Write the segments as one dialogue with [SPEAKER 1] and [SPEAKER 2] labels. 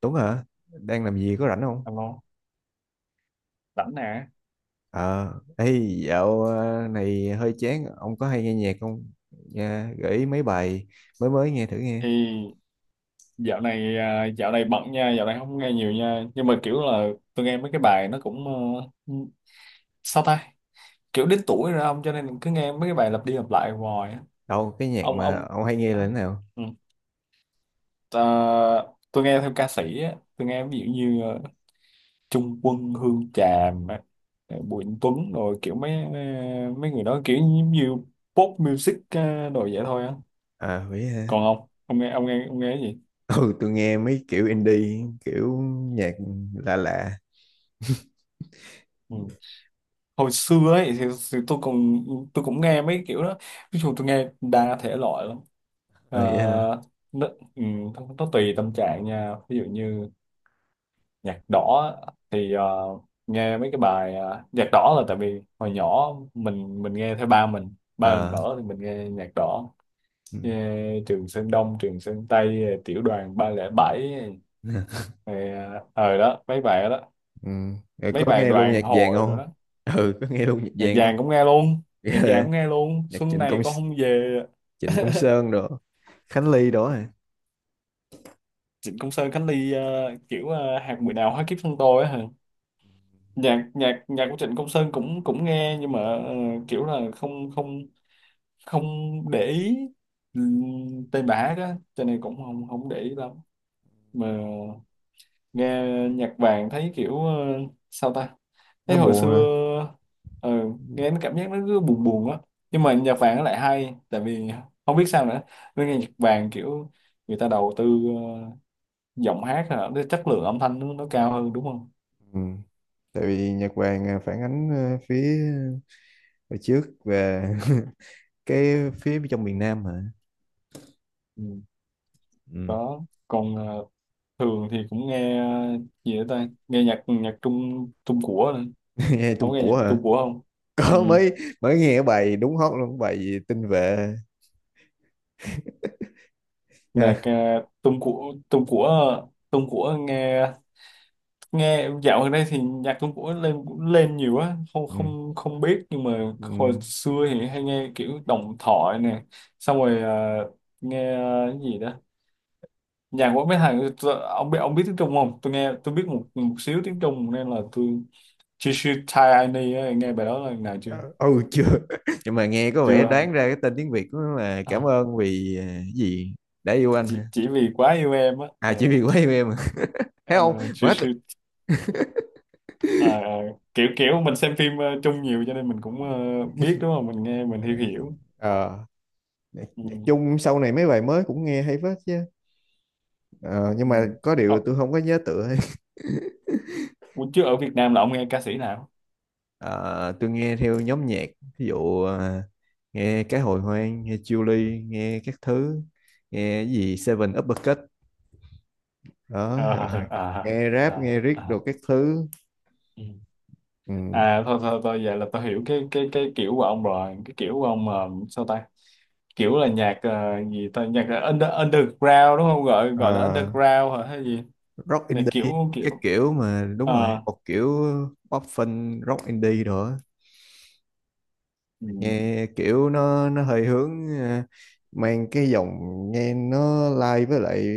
[SPEAKER 1] Tuấn hả? Đang làm gì có rảnh không?
[SPEAKER 2] Alo, rảnh nè.
[SPEAKER 1] Ờ, ê, dạo này hơi chán, ông có hay nghe nhạc không? Nha, gợi ý mấy bài mới mới nghe thử nghe.
[SPEAKER 2] Thì dạo này bận nha, dạo này không nghe nhiều nha. Nhưng mà kiểu là tôi nghe mấy cái bài nó cũng ờ, sao ta? Kiểu đến tuổi rồi ông cho nên cứ nghe mấy cái bài lặp đi lặp lại hoài á.
[SPEAKER 1] Đâu, cái nhạc
[SPEAKER 2] Ông
[SPEAKER 1] mà
[SPEAKER 2] ông
[SPEAKER 1] ông hay nghe
[SPEAKER 2] ờ,
[SPEAKER 1] là thế nào?
[SPEAKER 2] ừ. Ờ, tôi nghe theo ca sĩ á, tôi nghe ví dụ như Trung Quân, Hương Tràm, á, Bùi Anh Tuấn, rồi kiểu mấy người đó kiểu như pop music, đồ vậy thôi á.
[SPEAKER 1] À, vậy hả?
[SPEAKER 2] Còn ông, ông nghe cái gì?
[SPEAKER 1] Ừ, tôi nghe mấy kiểu indie, kiểu nhạc lạ lạ.
[SPEAKER 2] Ừ. Hồi xưa ấy thì tôi cũng nghe mấy kiểu đó, ví dụ tôi nghe đa thể loại lắm.
[SPEAKER 1] Ờ,
[SPEAKER 2] Ờ,
[SPEAKER 1] Vậy hả?
[SPEAKER 2] nó, ừ, nó tùy tâm trạng nha, ví dụ như nhạc đỏ thì nghe mấy cái bài nhạc đỏ là tại vì hồi nhỏ mình nghe theo ba mình
[SPEAKER 1] Ờ,
[SPEAKER 2] mở thì mình nghe nhạc đỏ,
[SPEAKER 1] ừ.
[SPEAKER 2] nghe Trường Sơn Đông Trường Sơn Tây Tiểu đoàn 307, rồi đó mấy bài đó,
[SPEAKER 1] Ừ. Rồi
[SPEAKER 2] mấy
[SPEAKER 1] có
[SPEAKER 2] bài
[SPEAKER 1] nghe luôn
[SPEAKER 2] đoàn
[SPEAKER 1] nhạc vàng
[SPEAKER 2] hội rồi
[SPEAKER 1] không?
[SPEAKER 2] đó.
[SPEAKER 1] Ừ, có nghe luôn nhạc
[SPEAKER 2] Nhạc
[SPEAKER 1] vàng không?
[SPEAKER 2] vàng cũng nghe luôn, nhạc vàng
[SPEAKER 1] Ghê.
[SPEAKER 2] cũng nghe luôn
[SPEAKER 1] Nhạc
[SPEAKER 2] Xuân
[SPEAKER 1] Trịnh
[SPEAKER 2] Này
[SPEAKER 1] Công
[SPEAKER 2] Con Không Về.
[SPEAKER 1] Trịnh Công Sơn đó, Khánh Ly đó hả?
[SPEAKER 2] Trịnh Công Sơn, Khánh Ly, kiểu hạt mười nào hóa kiếp thân tôi á hả, nhạc nhạc nhạc của Trịnh Công Sơn cũng cũng nghe, nhưng mà kiểu là không không không để ý tên bả đó, cho nên cũng không không để ý lắm. Mà nghe nhạc vàng thấy kiểu sao ta? Thế
[SPEAKER 1] Nó
[SPEAKER 2] hồi
[SPEAKER 1] buồn hả?
[SPEAKER 2] xưa ừ, nghe nó cảm giác nó cứ buồn buồn á, nhưng mà nhạc vàng nó lại hay tại vì không biết sao nữa, nên nghe nhạc vàng kiểu người ta đầu tư ờ, giọng hát, hay là cái chất lượng âm thanh nó cao hơn đúng không.
[SPEAKER 1] Ừ. Tại vì Nhật Bản à, phản ánh à, phía à, hồi trước và cái phía trong miền Nam hả?
[SPEAKER 2] Ừ.
[SPEAKER 1] Ừ.
[SPEAKER 2] Đó, còn thường thì cũng nghe gì nữa ta, nghe nhạc nhạc Trung Trung của nữa.
[SPEAKER 1] Nghe Trung
[SPEAKER 2] Không nghe nhạc
[SPEAKER 1] của hả?
[SPEAKER 2] Trung của không. Ừ.
[SPEAKER 1] Có mới mới nghe bài đúng hot luôn bài gì tinh vệ
[SPEAKER 2] Nhạc
[SPEAKER 1] ha.
[SPEAKER 2] Trung của Trung của ờ, Trung của nghe nghe dạo gần đây thì nhạc Trung Quốc lên cũng lên nhiều á, không
[SPEAKER 1] Ừ.
[SPEAKER 2] không không biết nhưng mà
[SPEAKER 1] Ừ.
[SPEAKER 2] hồi xưa thì hay nghe kiểu Đồng Thoại nè. Xong rồi nghe cái gì đó, nhạc của mấy thằng. Ông biết tiếng Trung không, tôi biết một một xíu tiếng Trung, nên là tôi She Should Tie I Knee á, nghe bài đó lần nào chưa
[SPEAKER 1] Ừ chưa. Nhưng mà nghe có vẻ
[SPEAKER 2] chưa hả?
[SPEAKER 1] đoán ra cái tên tiếng Việt của nó là cảm
[SPEAKER 2] Ờ,
[SPEAKER 1] ơn vì à, cái gì đã yêu anh hả?
[SPEAKER 2] chỉ vì quá yêu em á.
[SPEAKER 1] À,
[SPEAKER 2] Ờ
[SPEAKER 1] chỉ vì quá yêu em hả? Thấy
[SPEAKER 2] ờ,
[SPEAKER 1] không
[SPEAKER 2] She
[SPEAKER 1] quá,
[SPEAKER 2] Should ờ, ờ, kiểu kiểu mình xem phim Trung nhiều, cho nên mình cũng biết đúng không, mình nghe mình hiểu hiểu.
[SPEAKER 1] ờ Nhạc
[SPEAKER 2] Ừ.
[SPEAKER 1] Nhạc Trung sau này mấy bài mới cũng nghe hay phết chứ. Ờ, nhưng
[SPEAKER 2] Ừ.
[SPEAKER 1] mà có điều
[SPEAKER 2] Ờ,
[SPEAKER 1] tôi không có nhớ tựa ấy.
[SPEAKER 2] ủa, chứ ở Việt Nam là ông nghe ca sĩ nào?
[SPEAKER 1] Ờ, tôi nghe theo nhóm nhạc, ví dụ à, nghe cái hồi hoang, nghe Julie, nghe các thứ, nghe cái gì Seven Uppercut
[SPEAKER 2] Ờ,
[SPEAKER 1] đó,
[SPEAKER 2] à,
[SPEAKER 1] nghe rap
[SPEAKER 2] à,
[SPEAKER 1] nghe riết đồ
[SPEAKER 2] à.
[SPEAKER 1] các thứ.
[SPEAKER 2] Ừ.
[SPEAKER 1] Ừ.
[SPEAKER 2] À, thôi thôi thôi, vậy là tôi hiểu cái kiểu của ông rồi, cái kiểu của ông sao ta? Kiểu là nhạc, gì ta, nhạc là underground đúng không? Gọi
[SPEAKER 1] Ờ,
[SPEAKER 2] gọi là underground hả hay gì?
[SPEAKER 1] Rock
[SPEAKER 2] Là
[SPEAKER 1] indie
[SPEAKER 2] kiểu
[SPEAKER 1] các
[SPEAKER 2] kiểu
[SPEAKER 1] kiểu mà, đúng rồi,
[SPEAKER 2] ờ,
[SPEAKER 1] một kiểu pop fun rock indie rồi á.
[SPEAKER 2] ừ,
[SPEAKER 1] Nghe kiểu nó hơi hướng à, mang cái dòng, nghe nó lai với lại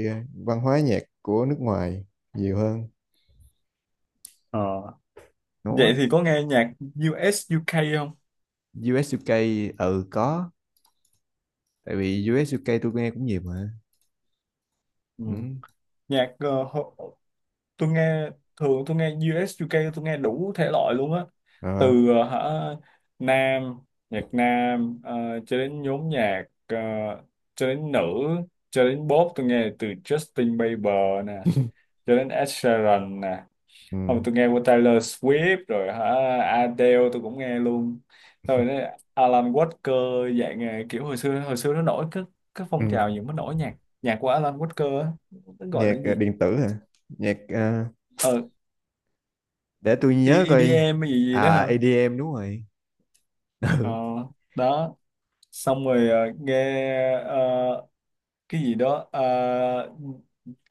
[SPEAKER 1] văn hóa nhạc của nước ngoài nhiều hơn.
[SPEAKER 2] ờ.
[SPEAKER 1] Ngố quá.
[SPEAKER 2] Vậy thì có nghe nhạc US UK không?
[SPEAKER 1] US UK, ừ có, tại vì US UK tôi nghe cũng nhiều mà.
[SPEAKER 2] Ừ.
[SPEAKER 1] Ừ.
[SPEAKER 2] Nhạc, tôi nghe thường tôi nghe US UK, tôi nghe đủ thể loại luôn á,
[SPEAKER 1] Ờ.
[SPEAKER 2] từ ờ, hả nam nhạc nam, cho đến nhóm nhạc, cho đến nữ, cho đến pop, tôi nghe từ Justin Bieber nè, cho đến Ed Sheeran nè,
[SPEAKER 1] Ừ.
[SPEAKER 2] không tôi nghe của Taylor Swift rồi hả, Adele tôi cũng nghe luôn, rồi đấy, Alan Walker dạng kiểu, hồi xưa nó nổi cái,
[SPEAKER 1] Ừ.
[SPEAKER 2] phong trào những cái nổi nhạc nhạc của Alan Walker á, nó gọi là
[SPEAKER 1] Nhạc
[SPEAKER 2] cái gì
[SPEAKER 1] điện tử hả? Nhạc
[SPEAKER 2] ờ
[SPEAKER 1] để tôi nhớ coi.
[SPEAKER 2] EDM hay gì gì đó
[SPEAKER 1] À,
[SPEAKER 2] hả.
[SPEAKER 1] EDM đúng rồi.
[SPEAKER 2] Ờ,
[SPEAKER 1] Ừ.
[SPEAKER 2] đó, xong rồi nghe ờ, cái gì đó,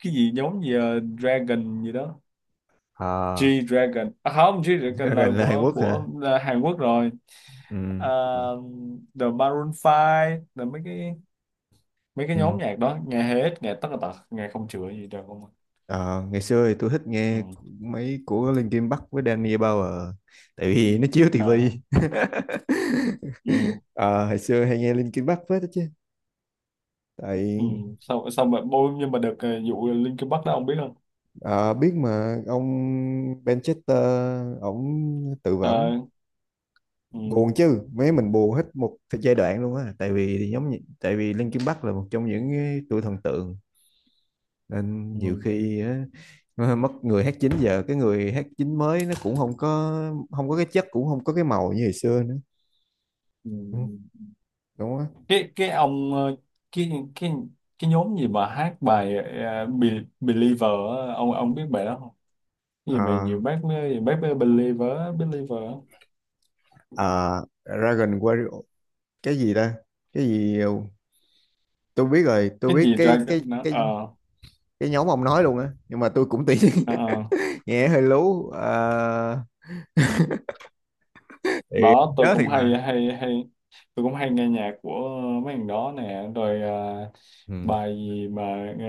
[SPEAKER 2] cái gì giống gì, Dragon gì đó,
[SPEAKER 1] À,
[SPEAKER 2] G Dragon. À không, G Dragon là
[SPEAKER 1] gần là Hàn
[SPEAKER 2] của
[SPEAKER 1] Quốc hả?
[SPEAKER 2] của là Hàn Quốc rồi.
[SPEAKER 1] Ừ. Ừ.
[SPEAKER 2] Ờ, The Maroon 5 là mấy cái nhóm
[SPEAKER 1] Ừ.
[SPEAKER 2] nhạc đó, nghe hết, nghe tất cả tật, nghe không chữa gì đâu không ạ.
[SPEAKER 1] Ờ, Ngày xưa thì tôi thích nghe
[SPEAKER 2] Ừ.
[SPEAKER 1] mấy của Linkin Park với Danny Bauer, tại vì nó chiếu
[SPEAKER 2] À
[SPEAKER 1] tivi.
[SPEAKER 2] ừ.
[SPEAKER 1] Ờ, Hồi xưa hay nghe Linkin Park phết đó chứ.
[SPEAKER 2] Ừ.
[SPEAKER 1] Tại
[SPEAKER 2] xong xong rồi bôi, nhưng mà được vụ Linkin Park đó ông biết không.
[SPEAKER 1] Ờ, Biết mà ông, Manchester ổng tự vẫn,
[SPEAKER 2] Ờ, ừ.
[SPEAKER 1] buồn chứ, mấy mình buồn hết một thời giai đoạn luôn á, tại vì thì giống như, tại vì Linkin Park là một trong những cái tụi thần tượng, nên nhiều
[SPEAKER 2] Ừ.
[SPEAKER 1] khi á, nó mất người hát chính, giờ cái người hát chính mới nó cũng không có cái chất, cũng không có cái màu như hồi xưa nữa.
[SPEAKER 2] Ừ.
[SPEAKER 1] Ừ,
[SPEAKER 2] Ừ.
[SPEAKER 1] đúng á.
[SPEAKER 2] cái ông cái cái cái nhóm gì mà hát bài Believer á, ông biết bài đó không, cái gì mà
[SPEAKER 1] Ờ,
[SPEAKER 2] nhiều bác mới Believer á, Believer á.
[SPEAKER 1] ờ, Dragon Warrior, cái gì ta, cái gì. Tôi biết rồi, tôi
[SPEAKER 2] Cái
[SPEAKER 1] biết
[SPEAKER 2] gì ra nó ờ
[SPEAKER 1] cái nhóm ông nói luôn á, nhưng mà tôi cũng tiếc.
[SPEAKER 2] ờ, ờ.
[SPEAKER 1] Nghe hơi lú, thì không
[SPEAKER 2] Đó, tôi
[SPEAKER 1] nhớ thiệt
[SPEAKER 2] cũng hay
[SPEAKER 1] mà.
[SPEAKER 2] hay hay tôi cũng hay nghe nhạc của mấy thằng đó nè, rồi
[SPEAKER 1] Ừ,
[SPEAKER 2] bài gì mà ờ,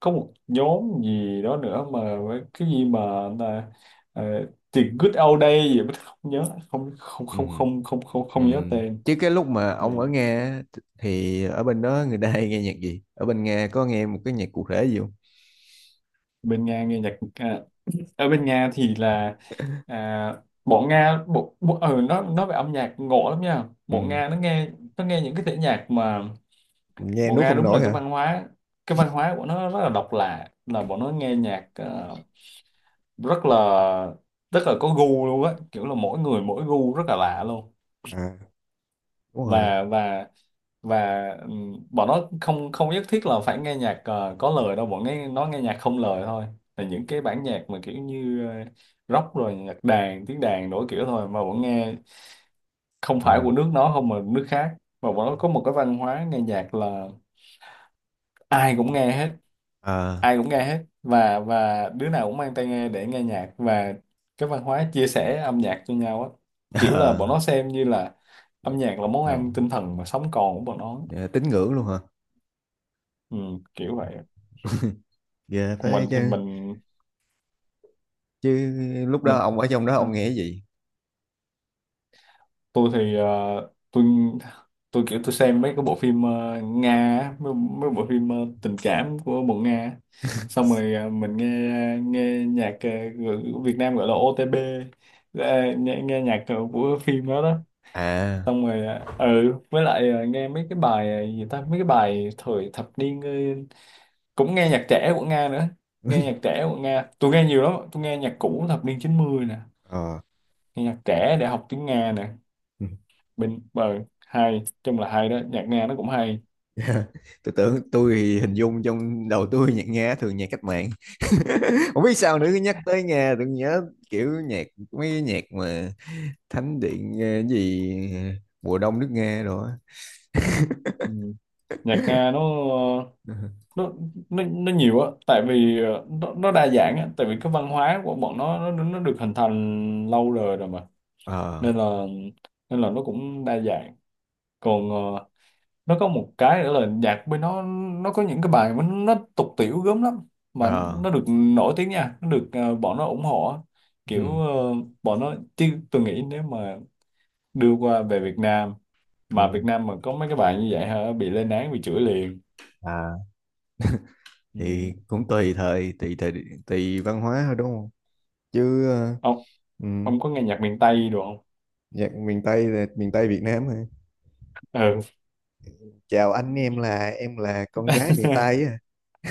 [SPEAKER 2] có một nhóm gì đó nữa mà cái gì mà là, ờ, The Good Old Day gì mà không nhớ, không không
[SPEAKER 1] ừ,
[SPEAKER 2] không không không không
[SPEAKER 1] ừ.
[SPEAKER 2] không nhớ tên.
[SPEAKER 1] Chứ cái lúc mà
[SPEAKER 2] Ừ.
[SPEAKER 1] ông ở Nga á, thì ở bên đó người ta hay nghe nhạc gì, ở bên Nga có nghe một cái nhạc cụ thể gì không?
[SPEAKER 2] Bên Nga nghe nhạc à, ở bên Nga thì là à, bọn Nga bộ, bộ ừ, nó nói về âm nhạc ngộ lắm nha, bọn
[SPEAKER 1] Ừ.
[SPEAKER 2] Nga nó nghe, nó nghe những cái thể nhạc mà,
[SPEAKER 1] Nghe
[SPEAKER 2] bọn
[SPEAKER 1] nuốt
[SPEAKER 2] Nga
[SPEAKER 1] không
[SPEAKER 2] đúng là
[SPEAKER 1] nổi
[SPEAKER 2] cái
[SPEAKER 1] hả?
[SPEAKER 2] văn hóa cái văn hóa của nó rất là độc lạ, là bọn nó nghe nhạc rất là rất là có gu luôn á, kiểu là mỗi người mỗi gu rất là lạ luôn.
[SPEAKER 1] À, đúng rồi.
[SPEAKER 2] Và và và bọn nó không không nhất thiết là phải nghe nhạc có lời đâu, bọn nghe nó nghe nhạc không lời thôi, là những cái bản nhạc mà kiểu như rock, rồi nhạc đàn tiếng đàn đổi kiểu thôi, mà bọn nghe không phải
[SPEAKER 1] À,
[SPEAKER 2] của nước nó không mà nước khác. Và bọn nó có một cái văn hóa nghe nhạc là ai cũng nghe hết,
[SPEAKER 1] ờ
[SPEAKER 2] ai cũng nghe hết, và đứa nào cũng mang tai nghe để nghe nhạc, và cái văn hóa chia sẻ âm nhạc cho nhau á, kiểu là bọn
[SPEAKER 1] ờ
[SPEAKER 2] nó xem như là âm nhạc là món ăn
[SPEAKER 1] đâu.
[SPEAKER 2] tinh thần mà sống còn của bọn nó.
[SPEAKER 1] Ờ, Tín ngưỡng luôn hả?
[SPEAKER 2] Ừ, kiểu vậy.
[SPEAKER 1] Ghê phải
[SPEAKER 2] mình thì
[SPEAKER 1] chứ
[SPEAKER 2] mình
[SPEAKER 1] chứ lúc đó
[SPEAKER 2] mình
[SPEAKER 1] ông ở trong đó ông nghe cái gì?
[SPEAKER 2] tôi thì tôi tôi kiểu tôi xem mấy cái bộ phim Nga á, mấy bộ phim tình cảm của bộ Nga á. Xong rồi mình nghe nghe nhạc của Việt Nam gọi là OTP, nghe nhạc của phim đó đó.
[SPEAKER 1] À,
[SPEAKER 2] Xong rồi với lại nghe mấy cái bài gì ta, mấy cái bài thời thập niên, cũng nghe nhạc trẻ của Nga nữa, nghe nhạc trẻ của Nga tôi nghe nhiều lắm, tôi nghe nhạc cũ thập niên 90 nè,
[SPEAKER 1] ờ
[SPEAKER 2] nghe nhạc trẻ để học tiếng Nga nè. Bên ờ hay chung là hay đó, nhạc Nga nó cũng hay.
[SPEAKER 1] tôi
[SPEAKER 2] Ừ.
[SPEAKER 1] thì hình dung trong đầu tôi, nhạc Nga thường nhạc cách mạng. Không biết sao nữa, cứ nhắc tới Nga tôi nhớ kiểu nhạc, mấy cái nhạc mà thánh điện, cái gì mùa đông nước Nga rồi á.
[SPEAKER 2] Ừ. Nhạc Nga nó nó nó nhiều á, tại vì nó đa dạng á, tại vì cái văn hóa của bọn nó nó được hình thành lâu rồi rồi mà,
[SPEAKER 1] ờ
[SPEAKER 2] nên là nó cũng đa dạng. Còn nó có một cái nữa là nhạc bên nó có những cái bài mà nó tục tiểu gớm lắm mà
[SPEAKER 1] ờ
[SPEAKER 2] nó được nổi tiếng nha, nó được bọn nó ủng hộ á. Kiểu
[SPEAKER 1] ừ,
[SPEAKER 2] bọn nó, chứ tôi nghĩ nếu mà đưa qua về Việt
[SPEAKER 1] ừ,
[SPEAKER 2] Nam mà có mấy cái bài như vậy hả bị lên án bị chửi liền.
[SPEAKER 1] à
[SPEAKER 2] Ừ.
[SPEAKER 1] thì cũng tùy thời, tùy thời, tùy văn hóa thôi, đúng không chứ? Ờ,
[SPEAKER 2] ông
[SPEAKER 1] ừ.
[SPEAKER 2] ông có nghe nhạc miền Tây được không?
[SPEAKER 1] Nhạc miền Tây là miền Tây Việt Nam hả?
[SPEAKER 2] Ừ.
[SPEAKER 1] Chào anh em, là em là con gái miền Tây á.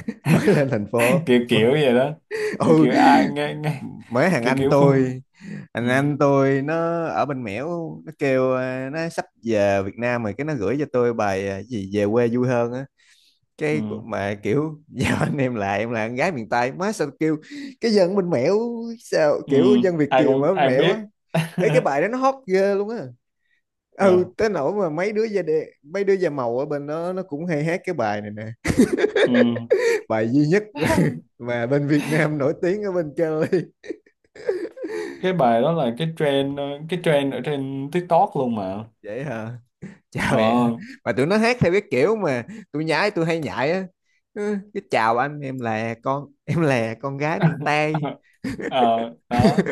[SPEAKER 1] Mới lên thành phố.
[SPEAKER 2] Kiểu kiểu vậy đó, kiểu kiểu
[SPEAKER 1] Ừ,
[SPEAKER 2] ai nghe nghe,
[SPEAKER 1] mới thằng
[SPEAKER 2] kiểu
[SPEAKER 1] anh
[SPEAKER 2] kiểu Phương.
[SPEAKER 1] tôi
[SPEAKER 2] Ừ.
[SPEAKER 1] thằng anh tôi nó ở bên Mẻo. Nó kêu à, nó sắp về Việt Nam rồi, cái nó gửi cho tôi bài à, gì về quê vui hơn á, cái
[SPEAKER 2] Ừ.
[SPEAKER 1] cuộc mà kiểu giao anh em lại, em là con gái miền Tây, má sao kêu cái dân bên Mẻo, sao
[SPEAKER 2] Ừ.
[SPEAKER 1] kiểu dân Việt
[SPEAKER 2] ai
[SPEAKER 1] kiều mà
[SPEAKER 2] cũng
[SPEAKER 1] ở bên
[SPEAKER 2] ai cũng
[SPEAKER 1] Mẻo á.
[SPEAKER 2] biết.
[SPEAKER 1] Ấy, cái bài đó nó hot ghê luôn á. Ừ,
[SPEAKER 2] Ờ.
[SPEAKER 1] tới nỗi mà mấy đứa da đen, mấy đứa da màu ở bên đó nó cũng hay hát cái bài này nè,
[SPEAKER 2] Ừ.
[SPEAKER 1] bài duy nhất mà bên Việt Nam nổi tiếng ở bên Cali.
[SPEAKER 2] Cái bài đó là cái trend, ở trên TikTok luôn mà.
[SPEAKER 1] Vậy hả? Chào em,
[SPEAKER 2] ờ
[SPEAKER 1] mà tụi nó hát theo cái kiểu mà tôi nhái, tôi hay nhại á. Ừ, cái chào anh em là con, em là con gái miền Tây.
[SPEAKER 2] Ờ, đó,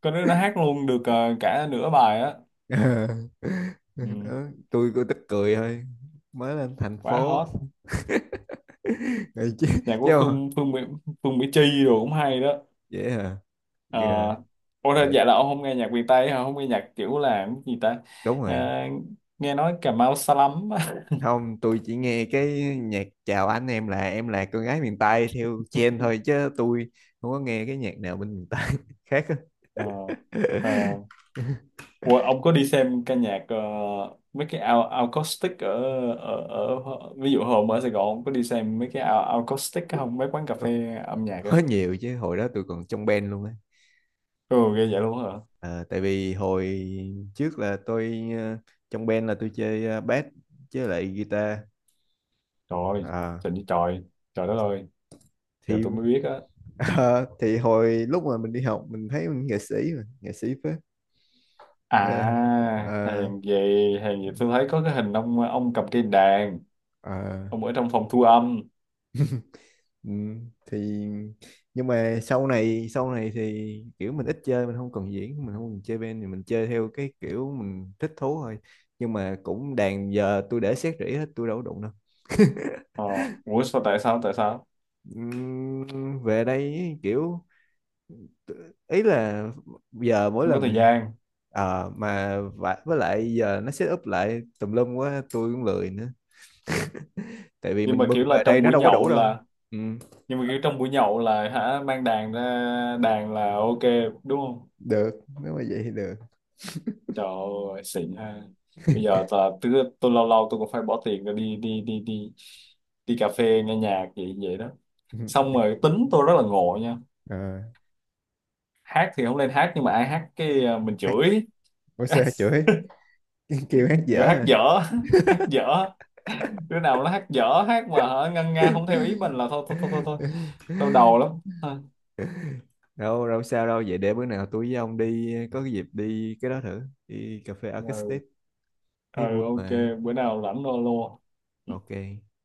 [SPEAKER 2] có đứa nó hát luôn được cả nửa bài á.
[SPEAKER 1] Ờ.
[SPEAKER 2] Ừ.
[SPEAKER 1] Đó, tôi cứ tức cười thôi, mới lên thành
[SPEAKER 2] Quá
[SPEAKER 1] phố.
[SPEAKER 2] hot.
[SPEAKER 1] Ừ, chứ
[SPEAKER 2] Nhạc
[SPEAKER 1] chứ
[SPEAKER 2] của
[SPEAKER 1] mà-
[SPEAKER 2] Phương Phương Mỹ, Phương Mỹ Chi rồi cũng hay đó.
[SPEAKER 1] vậy hả?
[SPEAKER 2] Ờ,
[SPEAKER 1] Dạ,
[SPEAKER 2] ủa
[SPEAKER 1] dạ,
[SPEAKER 2] thế dạ là ông không nghe nhạc miền Tây hả? Không nghe nhạc kiểu là cái gì ta?
[SPEAKER 1] đúng
[SPEAKER 2] Ờ,
[SPEAKER 1] rồi.
[SPEAKER 2] nghe nói Cà Mau xa lắm.
[SPEAKER 1] Không, tôi chỉ nghe cái nhạc chào anh em là con gái miền Tây theo trend thôi, chứ tôi không có nghe cái nhạc nào bên miền Tây khác á.
[SPEAKER 2] Ờ, ờ. Ủa, ông có đi xem ca nhạc mấy cái ao acoustic ở, ở ở ví dụ hôm ở Sài Gòn ông có đi xem mấy cái ao acoustic không? Mấy quán cà
[SPEAKER 1] Có
[SPEAKER 2] phê âm nhạc
[SPEAKER 1] Có
[SPEAKER 2] á.
[SPEAKER 1] nhiều chứ, hồi đó tôi còn trong band luôn á.
[SPEAKER 2] Ừ, ghê vậy luôn hả?
[SPEAKER 1] Ờ, Tại vì hồi trước là tôi, trong band là tôi chơi bass chứ lại guitar.
[SPEAKER 2] Trời ơi,
[SPEAKER 1] Ờ,
[SPEAKER 2] trời như trời, trời đất ơi, giờ
[SPEAKER 1] thì
[SPEAKER 2] tôi mới biết á.
[SPEAKER 1] ờ, thì hồi lúc mà mình đi học mình thấy mình nghệ sĩ mà, nghệ sĩ phết. Ờ,
[SPEAKER 2] À,
[SPEAKER 1] ờ,
[SPEAKER 2] hèn gì tôi thấy có cái hình ông cầm cây đàn,
[SPEAKER 1] ờ,
[SPEAKER 2] ông ở trong phòng thu âm.
[SPEAKER 1] thì nhưng mà sau này thì kiểu mình ít chơi, mình không còn diễn, mình không còn chơi band thì mình chơi theo cái kiểu mình thích thú thôi. Nhưng mà cũng đàn giờ tôi để xét rỉ hết, tôi đâu có đụng đâu.
[SPEAKER 2] Ờ, ủa sao, tại sao
[SPEAKER 1] Về đây ý, kiểu ý là giờ mỗi
[SPEAKER 2] không có thời
[SPEAKER 1] lần,
[SPEAKER 2] gian.
[SPEAKER 1] với lại giờ nó set up lại tùm lum quá, tôi cũng lười nữa. Tại vì
[SPEAKER 2] Nhưng mà
[SPEAKER 1] mình bưng
[SPEAKER 2] kiểu là
[SPEAKER 1] về đây nó đâu có đủ đâu. Ừ,
[SPEAKER 2] trong buổi nhậu là hả, mang đàn ra đàn là ok đúng không.
[SPEAKER 1] được, nếu mà vậy thì được.
[SPEAKER 2] Trời ơi xịn ha. Bây giờ là tôi lâu lâu tôi cũng phải bỏ tiền ra đi đi đi đi đi cà phê nghe nhạc vậy vậy đó. Xong rồi tính tôi rất là ngộ nha.
[SPEAKER 1] Ờ,
[SPEAKER 2] Hát thì không lên hát, nhưng mà ai hát cái mình
[SPEAKER 1] hát,
[SPEAKER 2] chửi.
[SPEAKER 1] Ủa sao chửi? Kêu hát
[SPEAKER 2] Kiểu
[SPEAKER 1] dở
[SPEAKER 2] hát
[SPEAKER 1] à?
[SPEAKER 2] dở, hát dở, đứa nào nó hát dở hát mà hả ngân nga không theo ý mình là thôi thôi thôi thôi, thôi. Đau đầu lắm.
[SPEAKER 1] Đâu đâu sao đâu, vậy để bữa nào tôi với ông đi có cái dịp đi cái đó thử, đi cà phê Arcade
[SPEAKER 2] Ừ,
[SPEAKER 1] State
[SPEAKER 2] ừ
[SPEAKER 1] thấy vui
[SPEAKER 2] ok,
[SPEAKER 1] mà.
[SPEAKER 2] bữa nào rảnh alo.
[SPEAKER 1] Ok.